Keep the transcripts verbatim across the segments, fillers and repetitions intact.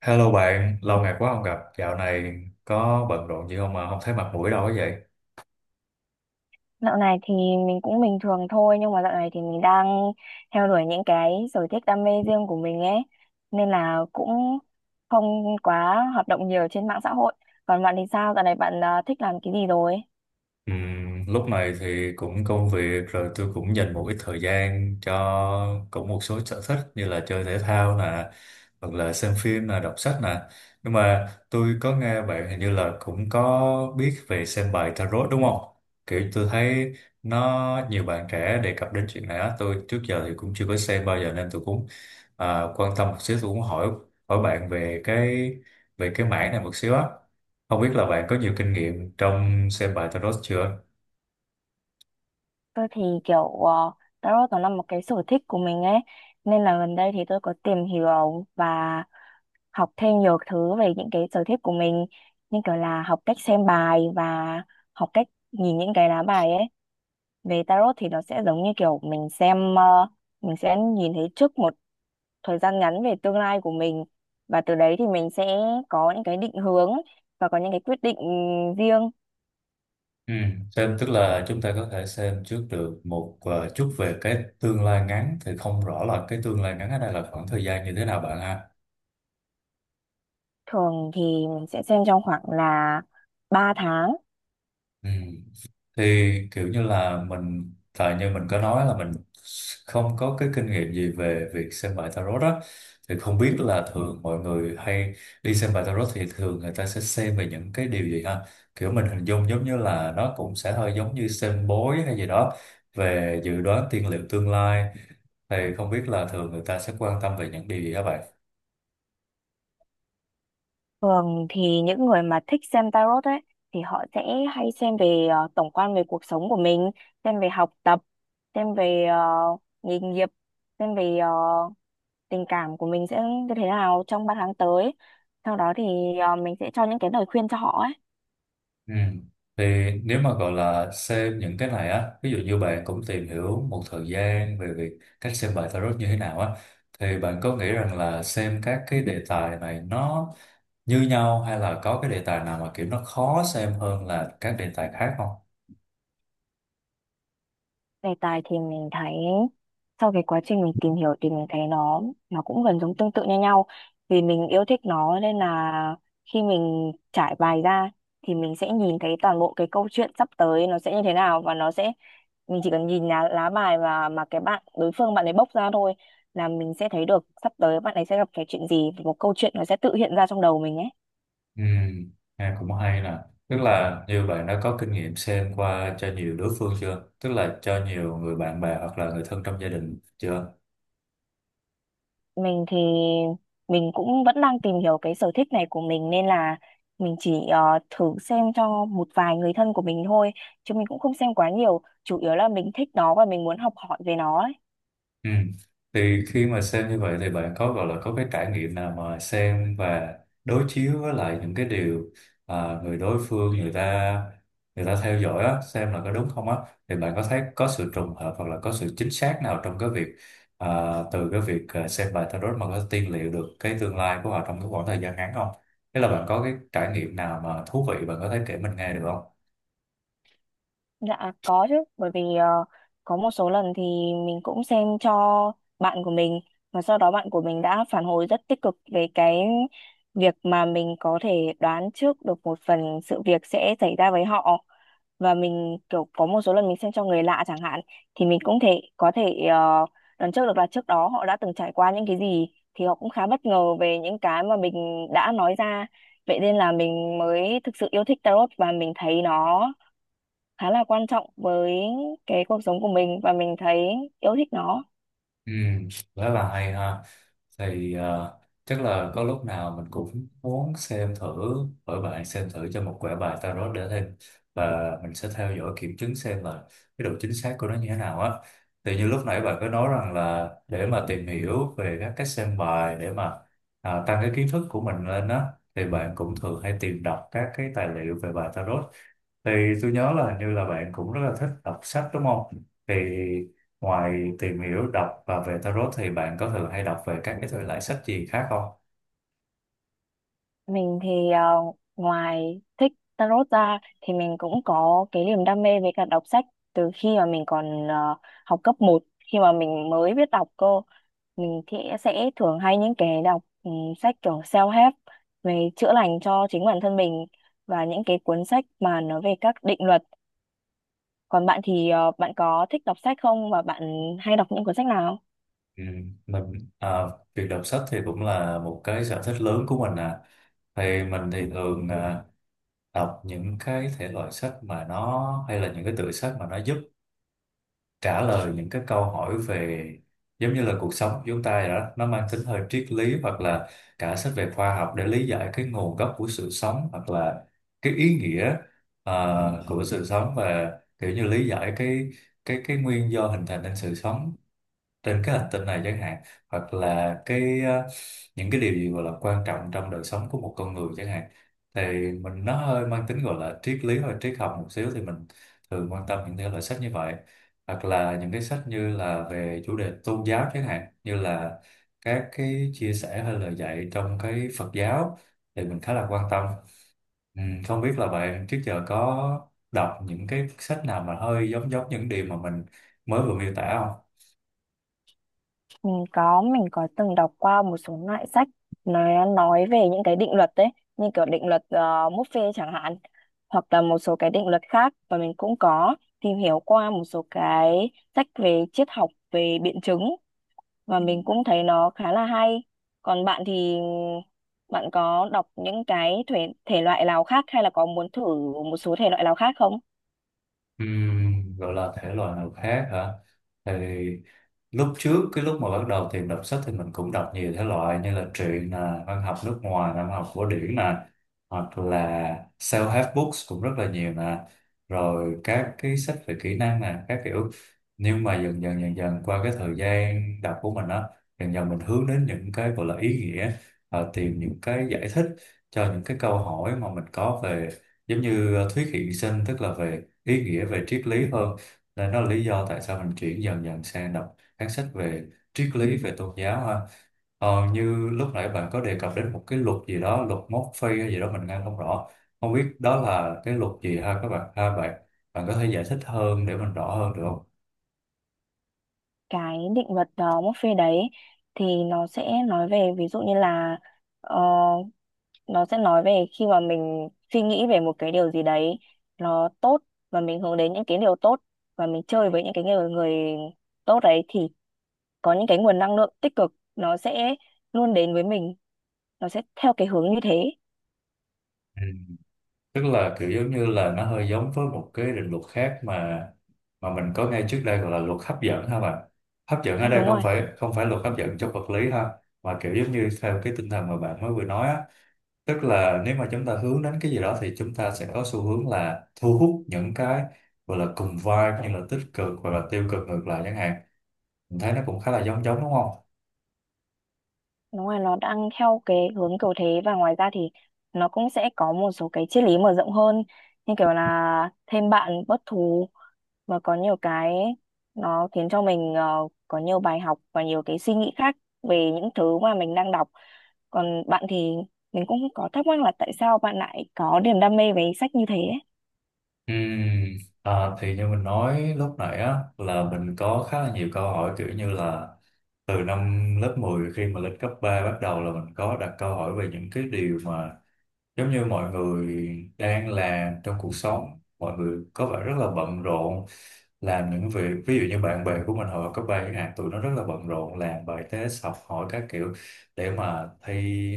Hello bạn, lâu ngày quá không gặp, dạo này có bận rộn gì không mà không thấy mặt mũi đâu ấy vậy? Dạo này thì mình cũng bình thường thôi, nhưng mà dạo này thì mình đang theo đuổi những cái sở thích đam mê riêng của mình ấy, nên là cũng không quá hoạt động nhiều trên mạng xã hội. Còn bạn thì sao? Dạo này bạn ờ, thích làm cái gì rồi? Ừm, lúc này thì cũng công việc rồi tôi cũng dành một ít thời gian cho cũng một số sở thích như là chơi thể thao nè, hoặc là xem phim nè, đọc sách nè. Nhưng mà tôi có nghe bạn hình như là cũng có biết về xem bài tarot đúng không? Kiểu tôi thấy nó nhiều bạn trẻ đề cập đến chuyện này á, tôi trước giờ thì cũng chưa có xem bao giờ nên tôi cũng à, quan tâm một xíu. Tôi cũng hỏi hỏi bạn về cái về cái mảng này một xíu á, không biết là bạn có nhiều kinh nghiệm trong xem bài tarot chưa? Tôi thì kiểu ờ, tarot nó là một cái sở thích của mình ấy, nên là gần đây thì tôi có tìm hiểu và học thêm nhiều thứ về những cái sở thích của mình, như kiểu là học cách xem bài và học cách nhìn những cái lá bài ấy. Về tarot thì nó sẽ giống như kiểu mình xem ờ, mình sẽ nhìn thấy trước một thời gian ngắn về tương lai của mình, và từ đấy thì mình sẽ có những cái định hướng và có những cái quyết định riêng. Ừ. Xem tức là chúng ta có thể xem trước được một ờ, chút về cái tương lai ngắn, thì không rõ là cái tương lai ngắn ở đây là khoảng thời gian như thế nào bạn ha. Thường thì mình sẽ xem trong khoảng là ba tháng. Ừ. Thì kiểu như là mình, tại như mình có nói là mình không có cái kinh nghiệm gì về việc xem bài tarot đó, thì không biết là thường mọi người hay đi xem bài tarot thì thường người ta sẽ xem về những cái điều gì ha? Kiểu mình hình dung giống như là nó cũng sẽ hơi giống như xem bói hay gì đó, về dự đoán tiên liệu tương lai, thì không biết là thường người ta sẽ quan tâm về những điều gì các bạn. Thường thì những người mà thích xem tarot ấy thì họ sẽ hay xem về ờ, tổng quan về cuộc sống của mình, xem về học tập, xem về ờ, nghề nghiệp, xem về ờ, tình cảm của mình sẽ như thế nào trong ba tháng tới. Sau đó thì ờ, mình sẽ cho những cái lời khuyên cho họ ấy. Ừ. Thì nếu mà gọi là xem những cái này á, ví dụ như bạn cũng tìm hiểu một thời gian về việc cách xem bài tarot như thế nào á, thì bạn có nghĩ rằng là xem các cái đề tài này nó như nhau hay là có cái đề tài nào mà kiểu nó khó xem hơn là các đề tài khác không? Đề tài thì mình thấy, sau cái quá trình mình tìm hiểu thì mình thấy nó nó cũng gần giống tương tự như nhau. Vì mình yêu thích nó nên là khi mình trải bài ra thì mình sẽ nhìn thấy toàn bộ cái câu chuyện sắp tới nó sẽ như thế nào, và nó sẽ, mình chỉ cần nhìn lá, lá bài và mà cái bạn đối phương bạn ấy bốc ra thôi, là mình sẽ thấy được sắp tới bạn ấy sẽ gặp cái chuyện gì, và một câu chuyện nó sẽ tự hiện ra trong đầu mình ấy. Ừ, nghe cũng hay nè. Tức là như bạn đã có kinh nghiệm xem qua cho nhiều đối phương chưa? Tức là cho nhiều người bạn bè hoặc là người thân trong gia đình chưa? Mình thì mình cũng vẫn đang tìm hiểu cái sở thích này của mình, nên là mình chỉ ờ, thử xem cho một vài người thân của mình thôi, chứ mình cũng không xem quá nhiều, chủ yếu là mình thích nó và mình muốn học hỏi về nó ấy. Ừ. Thì khi mà xem như vậy thì bạn có gọi là có cái trải nghiệm nào mà xem và đối chiếu với lại những cái điều à, người đối phương người ta người ta theo dõi á, xem là có đúng không á, thì bạn có thấy có sự trùng hợp hoặc là có sự chính xác nào trong cái việc à, từ cái việc à, xem bài tarot mà có tiên liệu được cái tương lai của họ trong cái khoảng thời gian ngắn không? Thế là bạn có cái trải nghiệm nào mà thú vị bạn có thể kể mình nghe được không? Dạ có chứ, bởi vì ờ, có một số lần thì mình cũng xem cho bạn của mình, và sau đó bạn của mình đã phản hồi rất tích cực về cái việc mà mình có thể đoán trước được một phần sự việc sẽ xảy ra với họ. Và mình kiểu có một số lần mình xem cho người lạ chẳng hạn, thì mình cũng thể có thể uh, đoán trước được là trước đó họ đã từng trải qua những cái gì, thì họ cũng khá bất ngờ về những cái mà mình đã nói ra. Vậy nên là mình mới thực sự yêu thích tarot, và mình thấy nó khá là quan trọng với cái cuộc sống của mình, và mình thấy yêu thích nó. Ừ, rất là hay ha. Thì ờ, chắc là có lúc nào mình cũng muốn xem thử, bởi bạn xem thử cho một quẻ bài tarot để thêm, và mình sẽ theo dõi kiểm chứng xem là cái độ chính xác của nó như thế nào á. Thì như lúc nãy bạn có nói rằng là để mà tìm hiểu về các cách xem bài để mà à, tăng cái kiến thức của mình lên á, thì bạn cũng thường hay tìm đọc các cái tài liệu về bài tarot. Thì tôi nhớ là hình như là bạn cũng rất là thích đọc sách đúng không? Thì ngoài tìm hiểu đọc và về tarot thì bạn có thường hay đọc về các cái thể loại sách gì khác không? Mình thì ờ, ngoài thích tarot ra thì mình cũng có cái niềm đam mê với cả đọc sách. Từ khi mà mình còn ờ, học cấp một, khi mà mình mới biết đọc cô, mình thì sẽ thường hay những cái đọc ừ, sách kiểu self-help về chữa lành cho chính bản thân mình, và những cái cuốn sách mà nó về các định luật. Còn bạn thì ờ, bạn có thích đọc sách không và bạn hay đọc những cuốn sách nào? Ừ, mình à, việc đọc sách thì cũng là một cái sở thích lớn của mình à. Thì mình thì thường à, đọc những cái thể loại sách mà nó hay, là những cái tựa sách mà nó giúp trả lời những cái câu hỏi về giống như là cuộc sống của chúng ta vậy đó, nó mang tính hơi triết lý, hoặc là cả sách về khoa học để lý giải cái nguồn gốc của sự sống, hoặc là cái ý nghĩa ờ, của sự sống, và kiểu như lý giải cái cái cái nguyên do hình thành nên sự sống trên cái hành tinh này chẳng hạn, hoặc là cái ờ, những cái điều gì gọi là quan trọng trong đời sống của một con người chẳng hạn. Thì mình, nó hơi mang tính gọi là triết lý hoặc triết học một xíu, thì mình thường quan tâm những thể loại sách như vậy, hoặc là những cái sách như là về chủ đề tôn giáo, chẳng hạn như là các cái chia sẻ hay lời dạy trong cái Phật giáo thì mình khá là quan tâm. ừ, Không biết là bạn trước giờ có đọc những cái sách nào mà hơi giống giống những điều mà mình mới vừa miêu tả không? Mình có, mình có từng đọc qua một số loại sách nó nói về những cái định luật đấy, như kiểu định luật uh, Murphy chẳng hạn, hoặc là một số cái định luật khác, và mình cũng có tìm hiểu qua một số cái sách về triết học, về biện chứng, và mình cũng thấy nó khá là hay. Còn bạn thì bạn có đọc những cái thể, thể loại nào khác, hay là có muốn thử một số thể loại nào khác không? Ừ, gọi là thể loại nào khác hả? Thì lúc trước, cái lúc mà bắt đầu tìm đọc sách thì mình cũng đọc nhiều thể loại như là truyện nè, văn học nước ngoài nè, văn học cổ điển nè, hoặc là self-help books cũng rất là nhiều nè, rồi các cái sách về kỹ năng nè, các kiểu. Nhưng mà dần dần dần dần qua cái thời gian đọc của mình á, dần dần mình hướng đến những cái gọi là ý nghĩa, ờ, tìm những cái giải thích cho những cái câu hỏi mà mình có về giống như ờ, thuyết hiện sinh, tức là về ý nghĩa về triết lý hơn. Nên đó là lý do tại sao mình chuyển dần dần sang đọc phán xét về triết lý về tôn giáo ha. Ờ, như lúc nãy bạn có đề cập đến một cái luật gì đó, luật mốc phi hay gì đó mình nghe không rõ, không biết đó là cái luật gì ha các bạn ha. Bạn bạn có thể giải thích hơn để mình rõ hơn được không? Cái định luật uh, Murphy đấy thì nó sẽ nói về ví dụ như là ờ, nó sẽ nói về khi mà mình suy nghĩ về một cái điều gì đấy nó tốt, và mình hướng đến những cái điều tốt, và mình chơi với những cái người người tốt đấy, thì có những cái nguồn năng lượng tích cực nó sẽ luôn đến với mình, nó sẽ theo cái hướng như thế. Ừ. Tức là kiểu giống như là nó hơi giống với một cái định luật khác mà mà mình có nghe trước đây gọi là luật hấp dẫn ha bạn. Hấp dẫn À, ở đây đúng không rồi. phải, không phải luật hấp dẫn trong vật lý ha, mà kiểu giống như theo cái tinh thần mà bạn mới vừa nói á, tức là nếu mà chúng ta hướng đến cái gì đó thì chúng ta sẽ có xu hướng là thu hút những cái gọi là cùng vibe như là tích cực hoặc là tiêu cực ngược lại chẳng hạn. Mình thấy nó cũng khá là giống giống đúng không? Đúng rồi, nó đang theo cái hướng kiểu thế, và ngoài ra thì nó cũng sẽ có một số cái triết lý mở rộng hơn, như kiểu là thêm bạn bớt thù, mà có nhiều cái nó khiến cho mình ờ, có nhiều bài học và nhiều cái suy nghĩ khác về những thứ mà mình đang đọc. Còn bạn thì mình cũng có thắc mắc là tại sao bạn lại có niềm đam mê với sách như thế ấy. Ừm, à, thì như mình nói lúc nãy á, là mình có khá là nhiều câu hỏi kiểu như là từ năm lớp mười khi mà lên cấp ba, bắt đầu là mình có đặt câu hỏi về những cái điều mà giống như mọi người đang làm trong cuộc sống. Mọi người có vẻ rất là bận rộn làm những việc, ví dụ như bạn bè của mình hồi cấp ba chẳng hạn, tụi nó rất là bận rộn làm bài test học hỏi các kiểu, để mà thi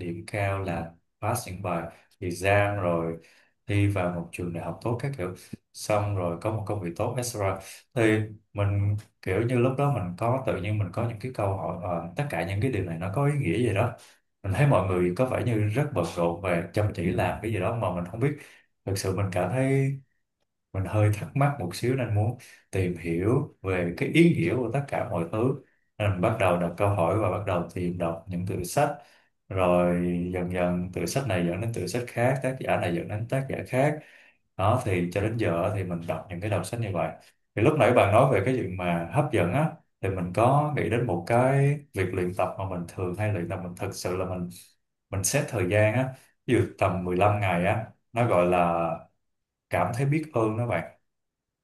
điểm cao, là pass những bài exam, rồi thi vào một trường đại học tốt các kiểu, xong rồi có một công việc tốt, etc. Thì mình kiểu như lúc đó mình có, tự nhiên mình có những cái câu hỏi, ờ, tất cả những cái điều này nó có ý nghĩa gì đó. Mình thấy mọi người có vẻ như rất bận rộn và chăm chỉ làm cái gì đó mà mình không biết. Thực sự mình cảm thấy mình hơi thắc mắc một xíu nên muốn tìm hiểu về cái ý nghĩa của tất cả mọi thứ. Nên mình bắt đầu đặt câu hỏi và bắt đầu tìm đọc những tựa sách, rồi dần dần từ sách này dẫn đến từ sách khác, tác giả này dẫn đến tác giả khác. Đó, thì cho đến giờ thì mình đọc những cái đầu sách như vậy. Thì lúc nãy bạn nói về cái chuyện mà hấp dẫn á, thì mình có nghĩ đến một cái việc luyện tập mà mình thường hay luyện tập. Mình thực sự là mình mình xét thời gian á, ví dụ tầm mười lăm ngày á, nó gọi là cảm thấy biết ơn đó bạn.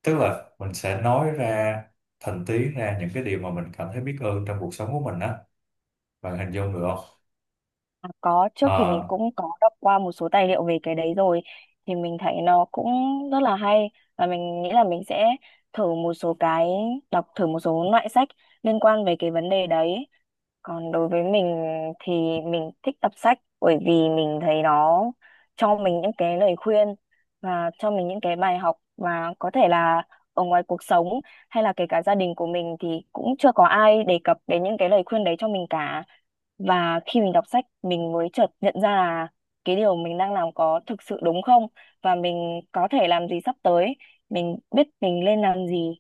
Tức là mình sẽ nói ra thành tiếng ra những cái điều mà mình cảm thấy biết ơn trong cuộc sống của mình á, bạn hình dung được không? À, có, trước thì mình Ờ, cũng có đọc qua một số tài liệu về cái đấy rồi, thì mình thấy nó cũng rất là hay, và mình nghĩ là mình sẽ thử một số cái, đọc thử một số loại sách liên quan về cái vấn đề đấy. Còn đối với mình thì mình thích đọc sách bởi vì mình thấy nó cho mình những cái lời khuyên, và cho mình những cái bài học, và có thể là ở ngoài cuộc sống hay là kể cả gia đình của mình thì cũng chưa có ai đề cập đến những cái lời khuyên đấy cho mình cả. Và khi mình đọc sách mình mới chợt nhận ra là cái điều mình đang làm có thực sự đúng không, và mình có thể làm gì sắp tới, mình biết mình nên làm gì,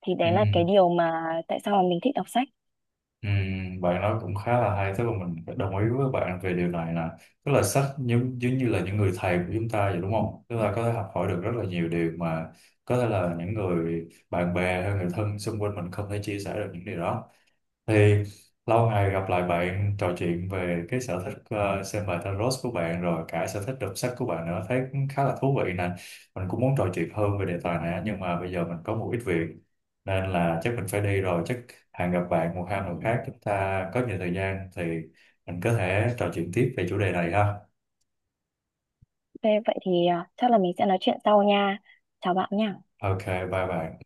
thì ừ. đấy là cái điều mà tại sao mà mình thích đọc sách. Ừ, bạn nói cũng khá là hay, tức là mình phải đồng ý với bạn về điều này nè. Tức là sách giống giống như là những người thầy của chúng ta vậy đúng không, tức là có thể học hỏi được rất là nhiều điều mà có thể là những người bạn bè hay người thân xung quanh mình không thể chia sẻ được những điều đó. Thì lâu ngày gặp lại bạn trò chuyện về cái sở thích ờ, xem bài tarot của bạn rồi cả sở thích đọc sách của bạn nữa, thấy cũng khá là thú vị nè. Mình cũng muốn trò chuyện hơn về đề tài này á, nhưng mà bây giờ mình có một ít việc nên là chắc mình phải đi rồi. Chắc hẹn gặp bạn một hai lần khác, chúng ta có nhiều thời gian thì mình có thể trò chuyện tiếp về chủ đề này ha. Ok, vậy thì à, chắc là mình sẽ nói chuyện sau nha. Chào bạn nha. Ok, bye bye.